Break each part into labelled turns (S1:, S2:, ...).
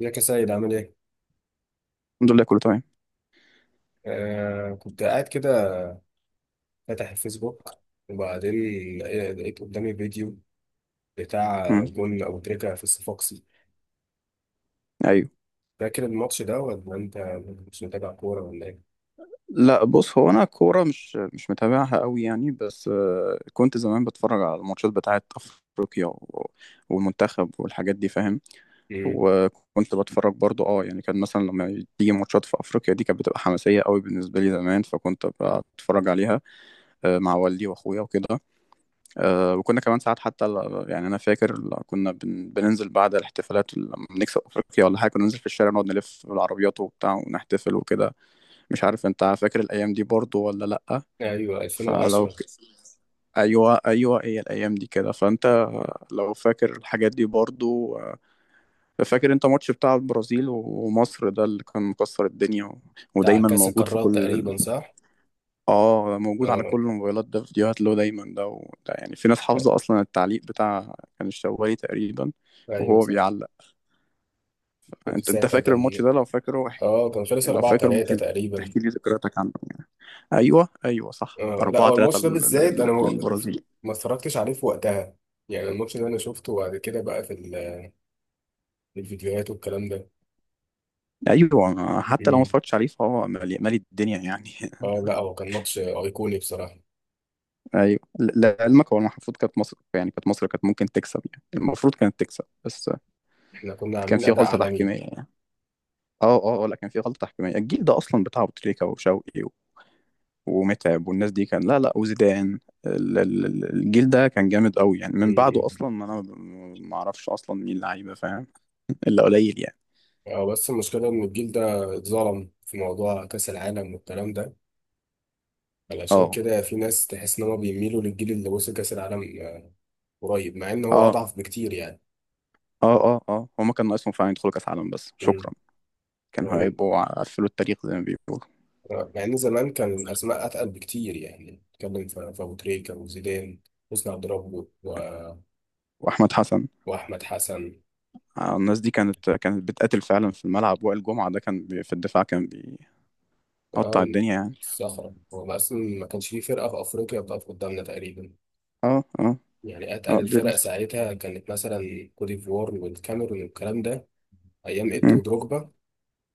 S1: ازيك يا سيد، عامل ايه؟
S2: الحمد لله كله تمام.
S1: آه، كنت قاعد كده فاتح الفيسبوك وبعدين لقيت قدامي فيديو بتاع
S2: مم.
S1: جون أبو تريكة في الصفاقسي.
S2: ايوه.
S1: فاكر الماتش ده ولا انت مش متابع كورة ولا ايه؟
S2: لا بص، هو انا كوره مش متابعها قوي يعني، بس كنت زمان بتفرج على الماتشات بتاعه افريقيا والمنتخب والحاجات دي، فاهم.
S1: مم.
S2: وكنت بتفرج برضو، اه يعني كان مثلا لما تيجي ماتشات في افريقيا دي كانت بتبقى حماسيه قوي بالنسبه لي زمان، فكنت ببقى اتفرج عليها. مع والدي واخويا وكده. وكنا كمان ساعات حتى يعني انا فاكر كنا بننزل بعد الاحتفالات لما بنكسب افريقيا ولا حاجه، كنا ننزل في الشارع نقعد نلف بالعربيات وبتاع ونحتفل وكده. مش عارف انت فاكر الايام دي برضو ولا لأ؟
S1: ايوه،
S2: فلو ك...
S1: 2010،
S2: ايوه ايوه، هي الايام دي كده، فانت لو فاكر الحاجات دي برضو. فاكر انت ماتش بتاع البرازيل ومصر ده اللي كان مكسر الدنيا
S1: بتاع
S2: ودايما
S1: كأس
S2: موجود في
S1: القارات
S2: كل
S1: تقريبا، صح؟
S2: اه موجود على
S1: آه
S2: كل الموبايلات، ده فيديوهات له دايما ده، ده يعني في ناس حافظه اصلا التعليق بتاع، كان الشوالي تقريبا
S1: ايوه
S2: وهو
S1: صح.
S2: بيعلق.
S1: كنت
S2: انت
S1: ساعتها
S2: فاكر الماتش
S1: كان
S2: ده؟ لو فاكره
S1: اه كان خلص
S2: لو
S1: 4
S2: فاكر
S1: 3
S2: ممكن
S1: تقريبا.
S2: تحكي لي ذكرياتك عنه يعني. ايوه ايوه صح،
S1: آه لا،
S2: 4
S1: هو
S2: 3
S1: الماتش ده بالذات انا ما
S2: للبرازيل.
S1: ما اتفرجتش عليه في وقتها، يعني الماتش ده انا شفته بعد كده بقى في الفيديوهات والكلام ده.
S2: ايوه، حتى لو ما
S1: امم.
S2: اتفرجتش عليه فهو مالي الدنيا يعني.
S1: اه لا، هو كان ماتش ايقوني بصراحه،
S2: ايوه، لعلمك هو المفروض كانت مصر، يعني كانت ممكن تكسب يعني، المفروض كانت تكسب، بس
S1: احنا كنا
S2: كان
S1: عاملين
S2: في
S1: اداء
S2: غلطه
S1: عالمي.
S2: تحكيميه يعني. لا، كان في غلطه تحكيميه. الجيل ده اصلا بتاع ابو تريكه وشوقي ومتعب والناس دي، كان لا لا، وزيدان. الجيل ده كان جامد قوي يعني، من بعده
S1: امم.
S2: اصلا ما اعرفش اصلا مين لعيبه، فاهم. الا قليل يعني.
S1: اه بس المشكله ان الجيل ده اتظلم في موضوع كاس العالم والكلام ده، علشان
S2: اه
S1: كده في ناس تحس ان هم بيميلوا للجيل اللي وصل كاس العالم آه، قريب، مع ان هو
S2: اه
S1: اضعف بكتير يعني.
S2: اه هما كان ناقصهم فعلا يدخلوا كاس عالم، بس
S1: امم.
S2: شكرا،
S1: مع
S2: كانوا
S1: ان
S2: هيبقوا قفلوا التاريخ زي ما بيقولوا.
S1: آه، مع ان زمان كان الاسماء اتقل بكتير، يعني نتكلم في ابو تريكه وزيدان، حسني عبد ربه
S2: واحمد حسن.
S1: واحمد حسن.
S2: الناس دي كانت بتقاتل فعلا في الملعب. وائل جمعة ده كان بي في الدفاع، كان بيقطع
S1: اه
S2: الدنيا يعني.
S1: الصخرة، هو أصلا ما كانش فيه فرقة في أفريقيا بتقف قدامنا تقريبا.
S2: اه اه
S1: يعني
S2: اه
S1: أتقل
S2: د-
S1: الفرق
S2: د-
S1: ساعتها كانت مثلا كوت ديفوار والكاميرون والكلام ده، أيام إيتو
S2: مم.
S1: ودروجبا،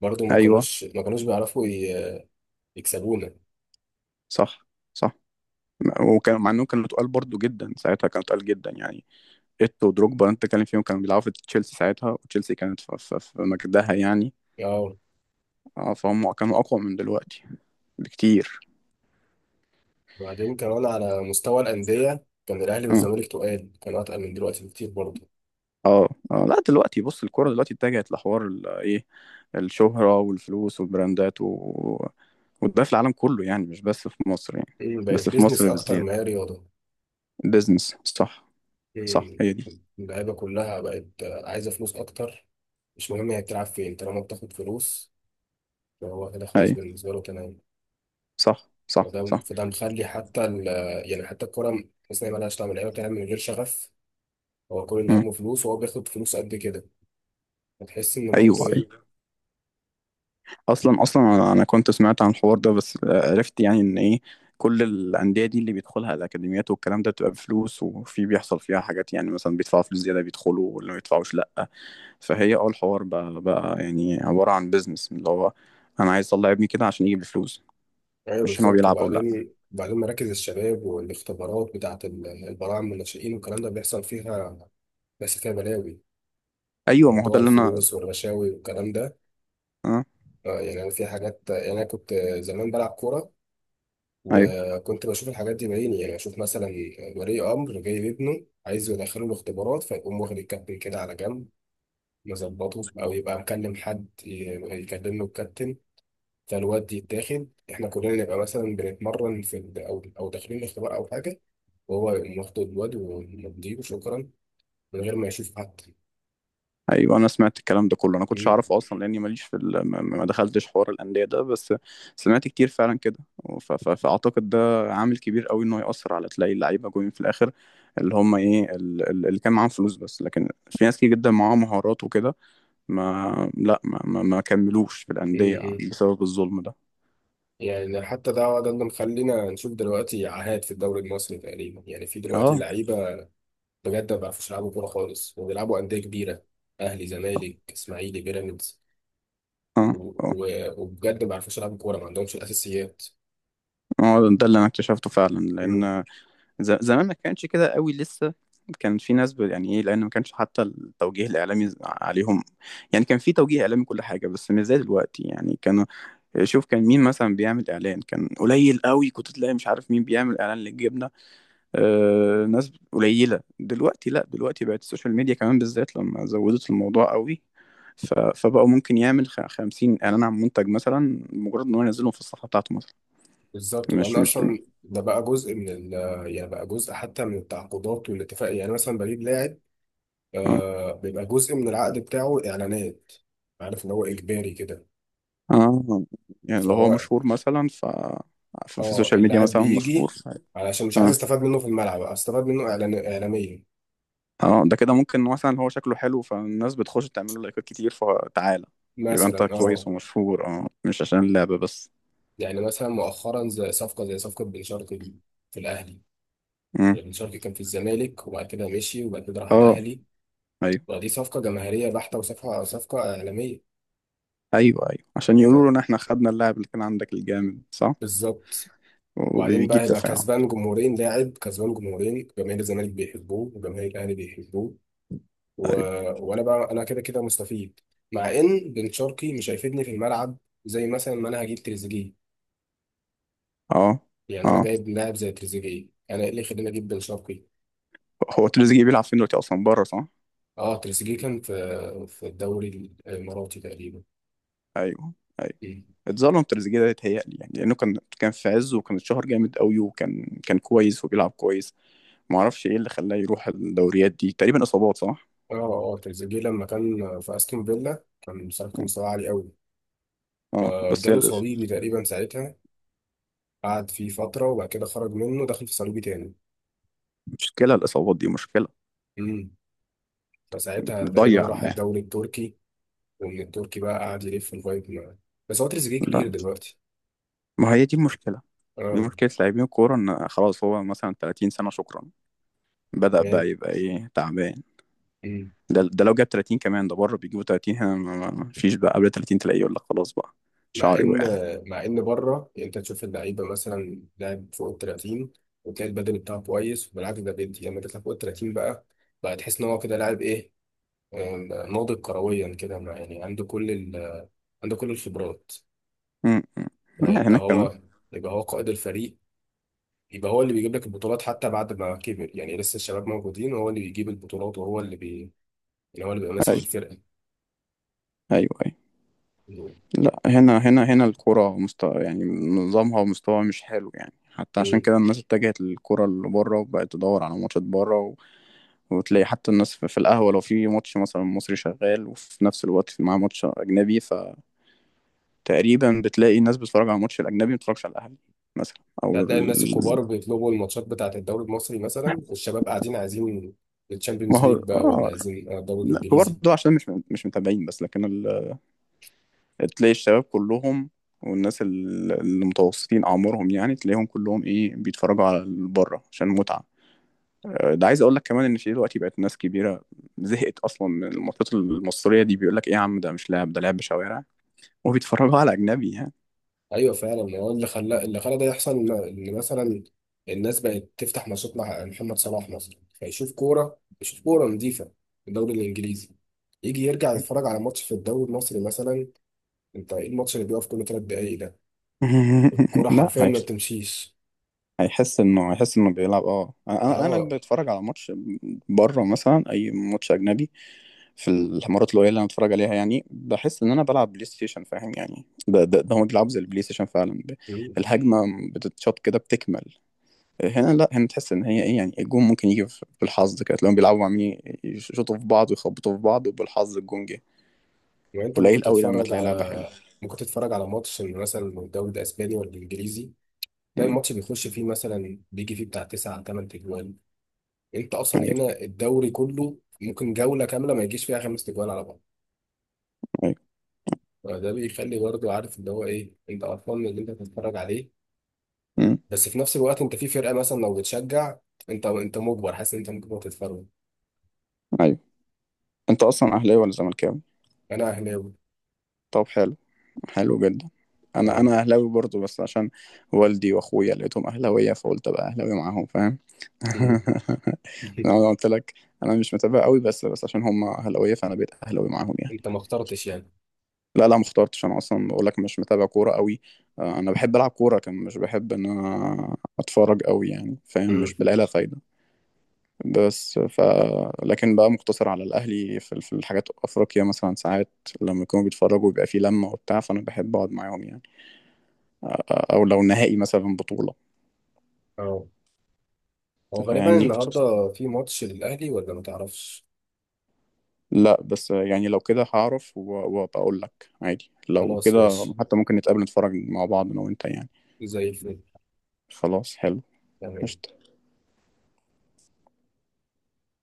S1: برضو ما
S2: ايوه
S1: كانوش ما كانوش بيعرفوا يكسبونا.
S2: صح. صح. وكان مع انهم كانوا تقال برضو جدا، ساعتها كانوا تقال جدا يعني. ايتو ودروجبا انت بتتكلم فيهم، كانوا بيلعبوا في تشيلسي ساعتها، وتشيلسي كانت في مجدها يعني.
S1: اه،
S2: اه، فهم كانوا اقوى من دلوقتي بكتير.
S1: وبعدين كمان على مستوى الأندية كان الأهلي
S2: اه
S1: والزمالك تقال، كانوا أتقل من دلوقتي بكتير برضو.
S2: لا دلوقتي بص، الكوره دلوقتي اتجهت لحوار ايه، الشهره والفلوس والبراندات وده في العالم كله يعني، مش بس في مصر يعني،
S1: مم، بقت
S2: بس في
S1: بيزنس
S2: مصر
S1: أكتر ما هي
S2: بزياده.
S1: رياضة.
S2: بيزنس، صح صح،
S1: مم،
S2: هي دي.
S1: اللعيبة كلها بقت آه، عايزة فلوس أكتر. مش مهم هي بتلعب فين طالما بتاخد فلوس، هو كده خلاص
S2: اي
S1: بالنسبة له تمام.
S2: صح صح
S1: فده
S2: صح.
S1: فده مخلي حتى ال، يعني حتى الكورة تحس إن هي مالهاش طعم، اللعيبة بتلعب من غير شغف، هو كل اللي
S2: مم.
S1: همه فلوس، وهو بياخد فلوس قد كده هتحس إن
S2: ايوه
S1: برضه
S2: ايوه.
S1: إيه.
S2: اصلا انا كنت سمعت عن الحوار ده، بس عرفت يعني ان ايه، كل الانديه دي اللي بيدخلها الاكاديميات والكلام ده بتبقى بفلوس، وفي بيحصل فيها حاجات يعني، مثلا بيدفعوا فلوس زياده بيدخلوا، ولا ما بيدفعوش لا. فهي اه الحوار بقى يعني عبارة عن بيزنس، اللي هو انا عايز اطلع ابني كده عشان يجيب الفلوس،
S1: أيوه
S2: مش عشان هو
S1: بالظبط.
S2: بيلعب او لا.
S1: وبعدين مراكز الشباب والاختبارات بتاعة البراعم والناشئين والكلام ده بيحصل فيها بس فيها بلاوي،
S2: ايوه، ما هو ده
S1: موضوع
S2: اللي انا.
S1: الفلوس والرشاوي والكلام ده.
S2: اه
S1: آه، يعني أنا في حاجات، يعني أنا كنت زمان بلعب كورة
S2: ايوه
S1: وكنت بشوف الحاجات دي بعيني. يعني اشوف مثلا ولي امر جاي لابنه عايز يدخله الاختبارات، فيقوم واخد الكابتن كده على جنب مظبطه، او يبقى مكلم حد يكلم له الكابتن، فالواد يتاخد. احنا كلنا نبقى مثلا بنتمرن في او داخلين الاختبار او حاجه، وهو يقوم واخد الواد ومضيه وشكرا، من غير ما يشوف حد.
S2: ايوه، انا سمعت الكلام ده كله، انا كنتش
S1: مم.
S2: اعرفه اصلا لاني ماليش ما دخلتش حوار الانديه ده، بس سمعت كتير فعلا كده. فاعتقد ده عامل كبير قوي، انه ياثر على تلاقي اللعيبه جوين في الاخر اللي هم ايه، اللي كان معاهم فلوس بس، لكن في ناس كتير جدا معاهم مهارات وكده ما لا ما ما, ما كملوش في
S1: مم.
S2: الانديه
S1: مم.
S2: بسبب الظلم ده.
S1: يعني حتى ده اللي مخلينا نشوف دلوقتي عاهات في الدوري المصري. تقريبا يعني في دلوقتي
S2: اه
S1: لعيبه بجد ما بيعرفوش يلعبوا كورة خالص وبيلعبوا أندية كبيرة، أهلي زمالك إسماعيلي بيراميدز
S2: اه
S1: و-
S2: اه
S1: و- وبجد ما بيعرفوش يلعبوا كورة، ما عندهمش الأساسيات.
S2: هو ده اللي انا اكتشفته فعلا،
S1: مم.
S2: لان زمان ما كانش كده قوي لسه، كان في ناس يعني ايه، لان ما كانش حتى التوجيه الاعلامي عليهم. يعني كان في توجيه اعلامي كل حاجه، بس مش زي دلوقتي يعني. كانوا شوف، كان مين مثلا بيعمل اعلان؟ كان قليل قوي، كنت تلاقي مش عارف مين بيعمل اعلان للجبنه، آه، ناس قليله. دلوقتي لا، دلوقتي بقت السوشيال ميديا كمان بالذات لما زودت الموضوع قوي، فبقوا ممكن يعمل خمسين إعلان عن منتج مثلا، مجرد إن هو ينزلهم في الصفحة بتاعته مثلا.
S1: بالظبط. وبعدين
S2: مش مش
S1: أصلا ده بقى جزء من ال، يعني بقى جزء حتى من التعاقدات والاتفاق، يعني مثلا بجيب لاعب
S2: اه
S1: آه بيبقى جزء من العقد بتاعه إعلانات، عارف إن هو إجباري كده.
S2: اه، يعني لو هو
S1: فهو
S2: مشهور مثلا ف ففي
S1: اه
S2: السوشيال ميديا
S1: اللاعب
S2: مثلا مشهور
S1: بيجي علشان مش عايز
S2: اه
S1: استفاد منه في الملعب، استفاد منه إعلان إعلاميا
S2: اه، ده كده ممكن، مثلا هو شكله حلو فالناس بتخش تعمل له لايكات كتير، فتعالى يبقى انت
S1: مثلا.
S2: كويس
S1: اه،
S2: ومشهور، اه مش عشان اللعبة بس.
S1: يعني مثلا مؤخرا زي صفقة بن شرقي في الأهلي.
S2: مم.
S1: يعني بن شرقي كان في الزمالك وبعد كده مشي، وبعد كده راح
S2: اه.
S1: الأهلي.
S2: ايوه
S1: ودي صفقة جماهيرية بحتة، وصفقة إعلامية
S2: ايوه ايوه، عشان
S1: يعني.
S2: يقولوا لنا احنا خدنا اللاعب اللي كان عندك الجامد، صح،
S1: بالظبط. وبعدين بقى
S2: وبيجيب
S1: هيبقى
S2: تفاعل.
S1: كسبان جمهورين، لاعب كسبان جمهورين، جماهير الزمالك بيحبوه وجماهير الأهلي بيحبوه و...
S2: ايوه
S1: وأنا بقى، أنا كده كده مستفيد، مع إن بن شرقي مش هيفيدني في الملعب زي مثلا ما أنا هجيب تريزيجيه.
S2: اه
S1: يعني
S2: اه.
S1: أنا جايب لاعب زي تريزيجيه، أنا إيه اللي يخليني أجيب بن شرقي.
S2: هو تريزيجيه بيلعب فين دلوقتي اصلا، بره، صح؟
S1: اه تريزيجيه كان في الدوري الاماراتي تقريبا.
S2: ايوه أيوه.
S1: مم.
S2: اتظلم تريزيجيه ده يتهيألي يعني، لأنه كان في عزه، وكان اتشهر جامد قوي، وكان كويس وبيلعب كويس. ما اعرفش ايه اللي خلاه يروح الدوريات دي، تقريبا إصابات صح؟
S1: اه اه تريزيجيه لما كان في استون فيلا كان بصراحه كان مستواه عالي قوي.
S2: اه، بس هي
S1: فجاله صليبي تقريبا ساعتها، قعد فيه فتره وبعد كده خرج منه دخل في صليبي تاني.
S2: المشكلة، الإصابات دي مشكلة،
S1: امم. فساعتها تقريبا
S2: بتضيع
S1: راح
S2: اللاعب.
S1: الدوري التركي، ومن التركي بقى قعد يلف لغايه ما، بس هو تريزيجيه
S2: لا
S1: كبير دلوقتي.
S2: ما هي دي المشكلة، دي
S1: اه
S2: مشكلة لاعبين الكورة، إن خلاص هو مثلا 30 سنة، شكرا، بدأ
S1: يعني.
S2: بقى يبقى إيه، تعبان.
S1: مم.
S2: ده ده لو جاب 30 كمان، ده بره بيجيبوا 30 هنا، ما ما فيش بقى، قبل 30 تلاقيه يقول لك خلاص بقى
S1: مع
S2: شعري
S1: ان
S2: وقع.
S1: مع ان بره، يعني انت تشوف اللعيبه مثلا لاعب فوق ال 30، وتلاقي البدني بتاعه كويس. بالعكس ده بيدي، لما تطلع فوق ال 30 بقى، بقى تحس ان هو كده لاعب ايه آه، ناضج كرويا كده. يعني عنده كل ال، عنده كل الخبرات.
S2: م- م.
S1: فيبقى
S2: هناك كمان.
S1: هو يبقى هو قائد الفريق، يبقى هو اللي بيجيب لك البطولات حتى بعد ما كبر، يعني لسه الشباب موجودين وهو اللي بيجيب البطولات وهو اللي بي، يعني هو اللي بيبقى ماسك
S2: أيوه
S1: الفرقه.
S2: أيوه أيوه. لا هنا، هنا الكرة مستوى يعني، نظامها ومستواها مش حلو يعني، حتى عشان
S1: مم.
S2: كده الناس اتجهت للكرة اللي بره، وبقت تدور على ماتشات بره وتلاقي حتى الناس في القهوة، لو في ماتش مثلا مصري شغال، وفي نفس الوقت في معاه ماتش أجنبي، فتقريبا بتلاقي الناس بتتفرج على الماتش الأجنبي، ما بتتفرجش على الأهلي مثلا، أو
S1: يعني هتلاقي الناس
S2: ال...
S1: الكبار بيطلبوا الماتشات بتاعة الدوري المصري مثلا، والشباب قاعدين عايزين
S2: ما
S1: الشامبيونز
S2: هو
S1: ليج بقى ولا
S2: آه.
S1: عايزين الدوري
S2: لا، كبار
S1: الانجليزي.
S2: ده عشان مش متابعين. تلاقي الشباب كلهم، والناس المتوسطين أعمارهم يعني، تلاقيهم كلهم إيه، بيتفرجوا على بره عشان متعة. ده عايز اقول لك كمان ان في دلوقتي بقت ناس كبيره زهقت اصلا من الماتشات المصريه دي، بيقول لك ايه يا عم، ده مش لعب، ده لعب شوارع، وبيتفرجوا على اجنبي يعني.
S1: ايوه فعلا، هو اللي خلى ده يحصل ان مثلا الناس بقت تفتح ماتشات مع محمد صلاح مثلا، فيشوف كوره، يشوف كوره نظيفه في الدوري الانجليزي، يجي يرجع يتفرج على ماتش في الدوري المصري مثلا، انت ايه الماتش اللي بيقف كل 3 دقايق ده؟ الكوره
S2: لا
S1: حرفيا ما
S2: هيش-
S1: بتمشيش.
S2: هيحس انه، هيحس انه بيلعب. اه انا انا
S1: اه،
S2: أنا بتفرج على ماتش بره مثلا، اي ماتش اجنبي، في المرات القليله اللي انا بتفرج عليها يعني، بحس ان انا بلعب بلاي ستيشن، فاهم يعني. ده هم بيلعبوا زي البلاي ستيشن فعلا، الهجمه بتتشاط كده بتكمل. هنا لا، هنا تحس ان هي ايه يعني، الجون ممكن يجي بالحظ كده، تلاقيهم بيلعبوا عاملين يشوطوا في بعض ويخبطوا في بعض، وبالحظ الجون جه.
S1: ما انت ممكن
S2: قليل قوي لما
S1: تتفرج
S2: تلاقي لعبه حلوه.
S1: على، ممكن تتفرج على ماتش مثلا من الدوري الاسباني ولا الانجليزي، تلاقي
S2: مم.
S1: الماتش بيخش فيه مثلا بيجي فيه بتاع 9-8 تجوال. انت اصلا
S2: ايوه
S1: هنا الدوري كله ممكن جوله كامله ما يجيش فيها 5 تجوال على بعض.
S2: ايوه.
S1: ده بيخلي برضه، عارف اللي هو ايه، انت قرفان من اللي انت بتتفرج عليه.
S2: مم.
S1: بس في نفس الوقت انت في فرقه مثلا لو بتشجع، انت مجبر، حاسس ان انت مجبر تتفرج.
S2: ايوه. انت اصلا اهلاوي ولا زملكاوي؟
S1: انا اهلاوي.
S2: طب حلو، حلو جدا. انا
S1: اه.
S2: انا اهلاوي برضو، بس عشان والدي واخويا لقيتهم اهلاويه، فقلت ابقى اهلاوي معاهم، فاهم.
S1: امم.
S2: انا قلت لك، انا مش متابع قوي، بس عشان هم اهلاويه فانا بقيت اهلاوي معاهم يعني.
S1: انت ما اخترتش يعني.
S2: لا، ما اخترتش، انا اصلا بقول لك مش متابع كوره قوي. انا بحب العب كوره، كان مش بحب ان انا اتفرج قوي يعني، فاهم،
S1: امم.
S2: مش بلاقي لها فايده. بس ف، لكن بقى مقتصر على الاهلي في في الحاجات افريقيا مثلا ساعات، لما يكونوا بيتفرجوا بيبقى في لمه وبتاع، فانا بحب اقعد معاهم يعني. او لو نهائي مثلا بطوله،
S1: اه. هو
S2: انت
S1: غالبا
S2: فاهمني.
S1: النهارده في ماتش للأهلي ولا ما تعرفش؟
S2: لا بس يعني لو كده هعرف، وبقول لك عادي، لو
S1: خلاص
S2: كده
S1: ماشي،
S2: حتى ممكن نتقابل نتفرج مع بعض انا وانت يعني.
S1: زي الفل،
S2: خلاص حلو،
S1: تمام.
S2: قشطة.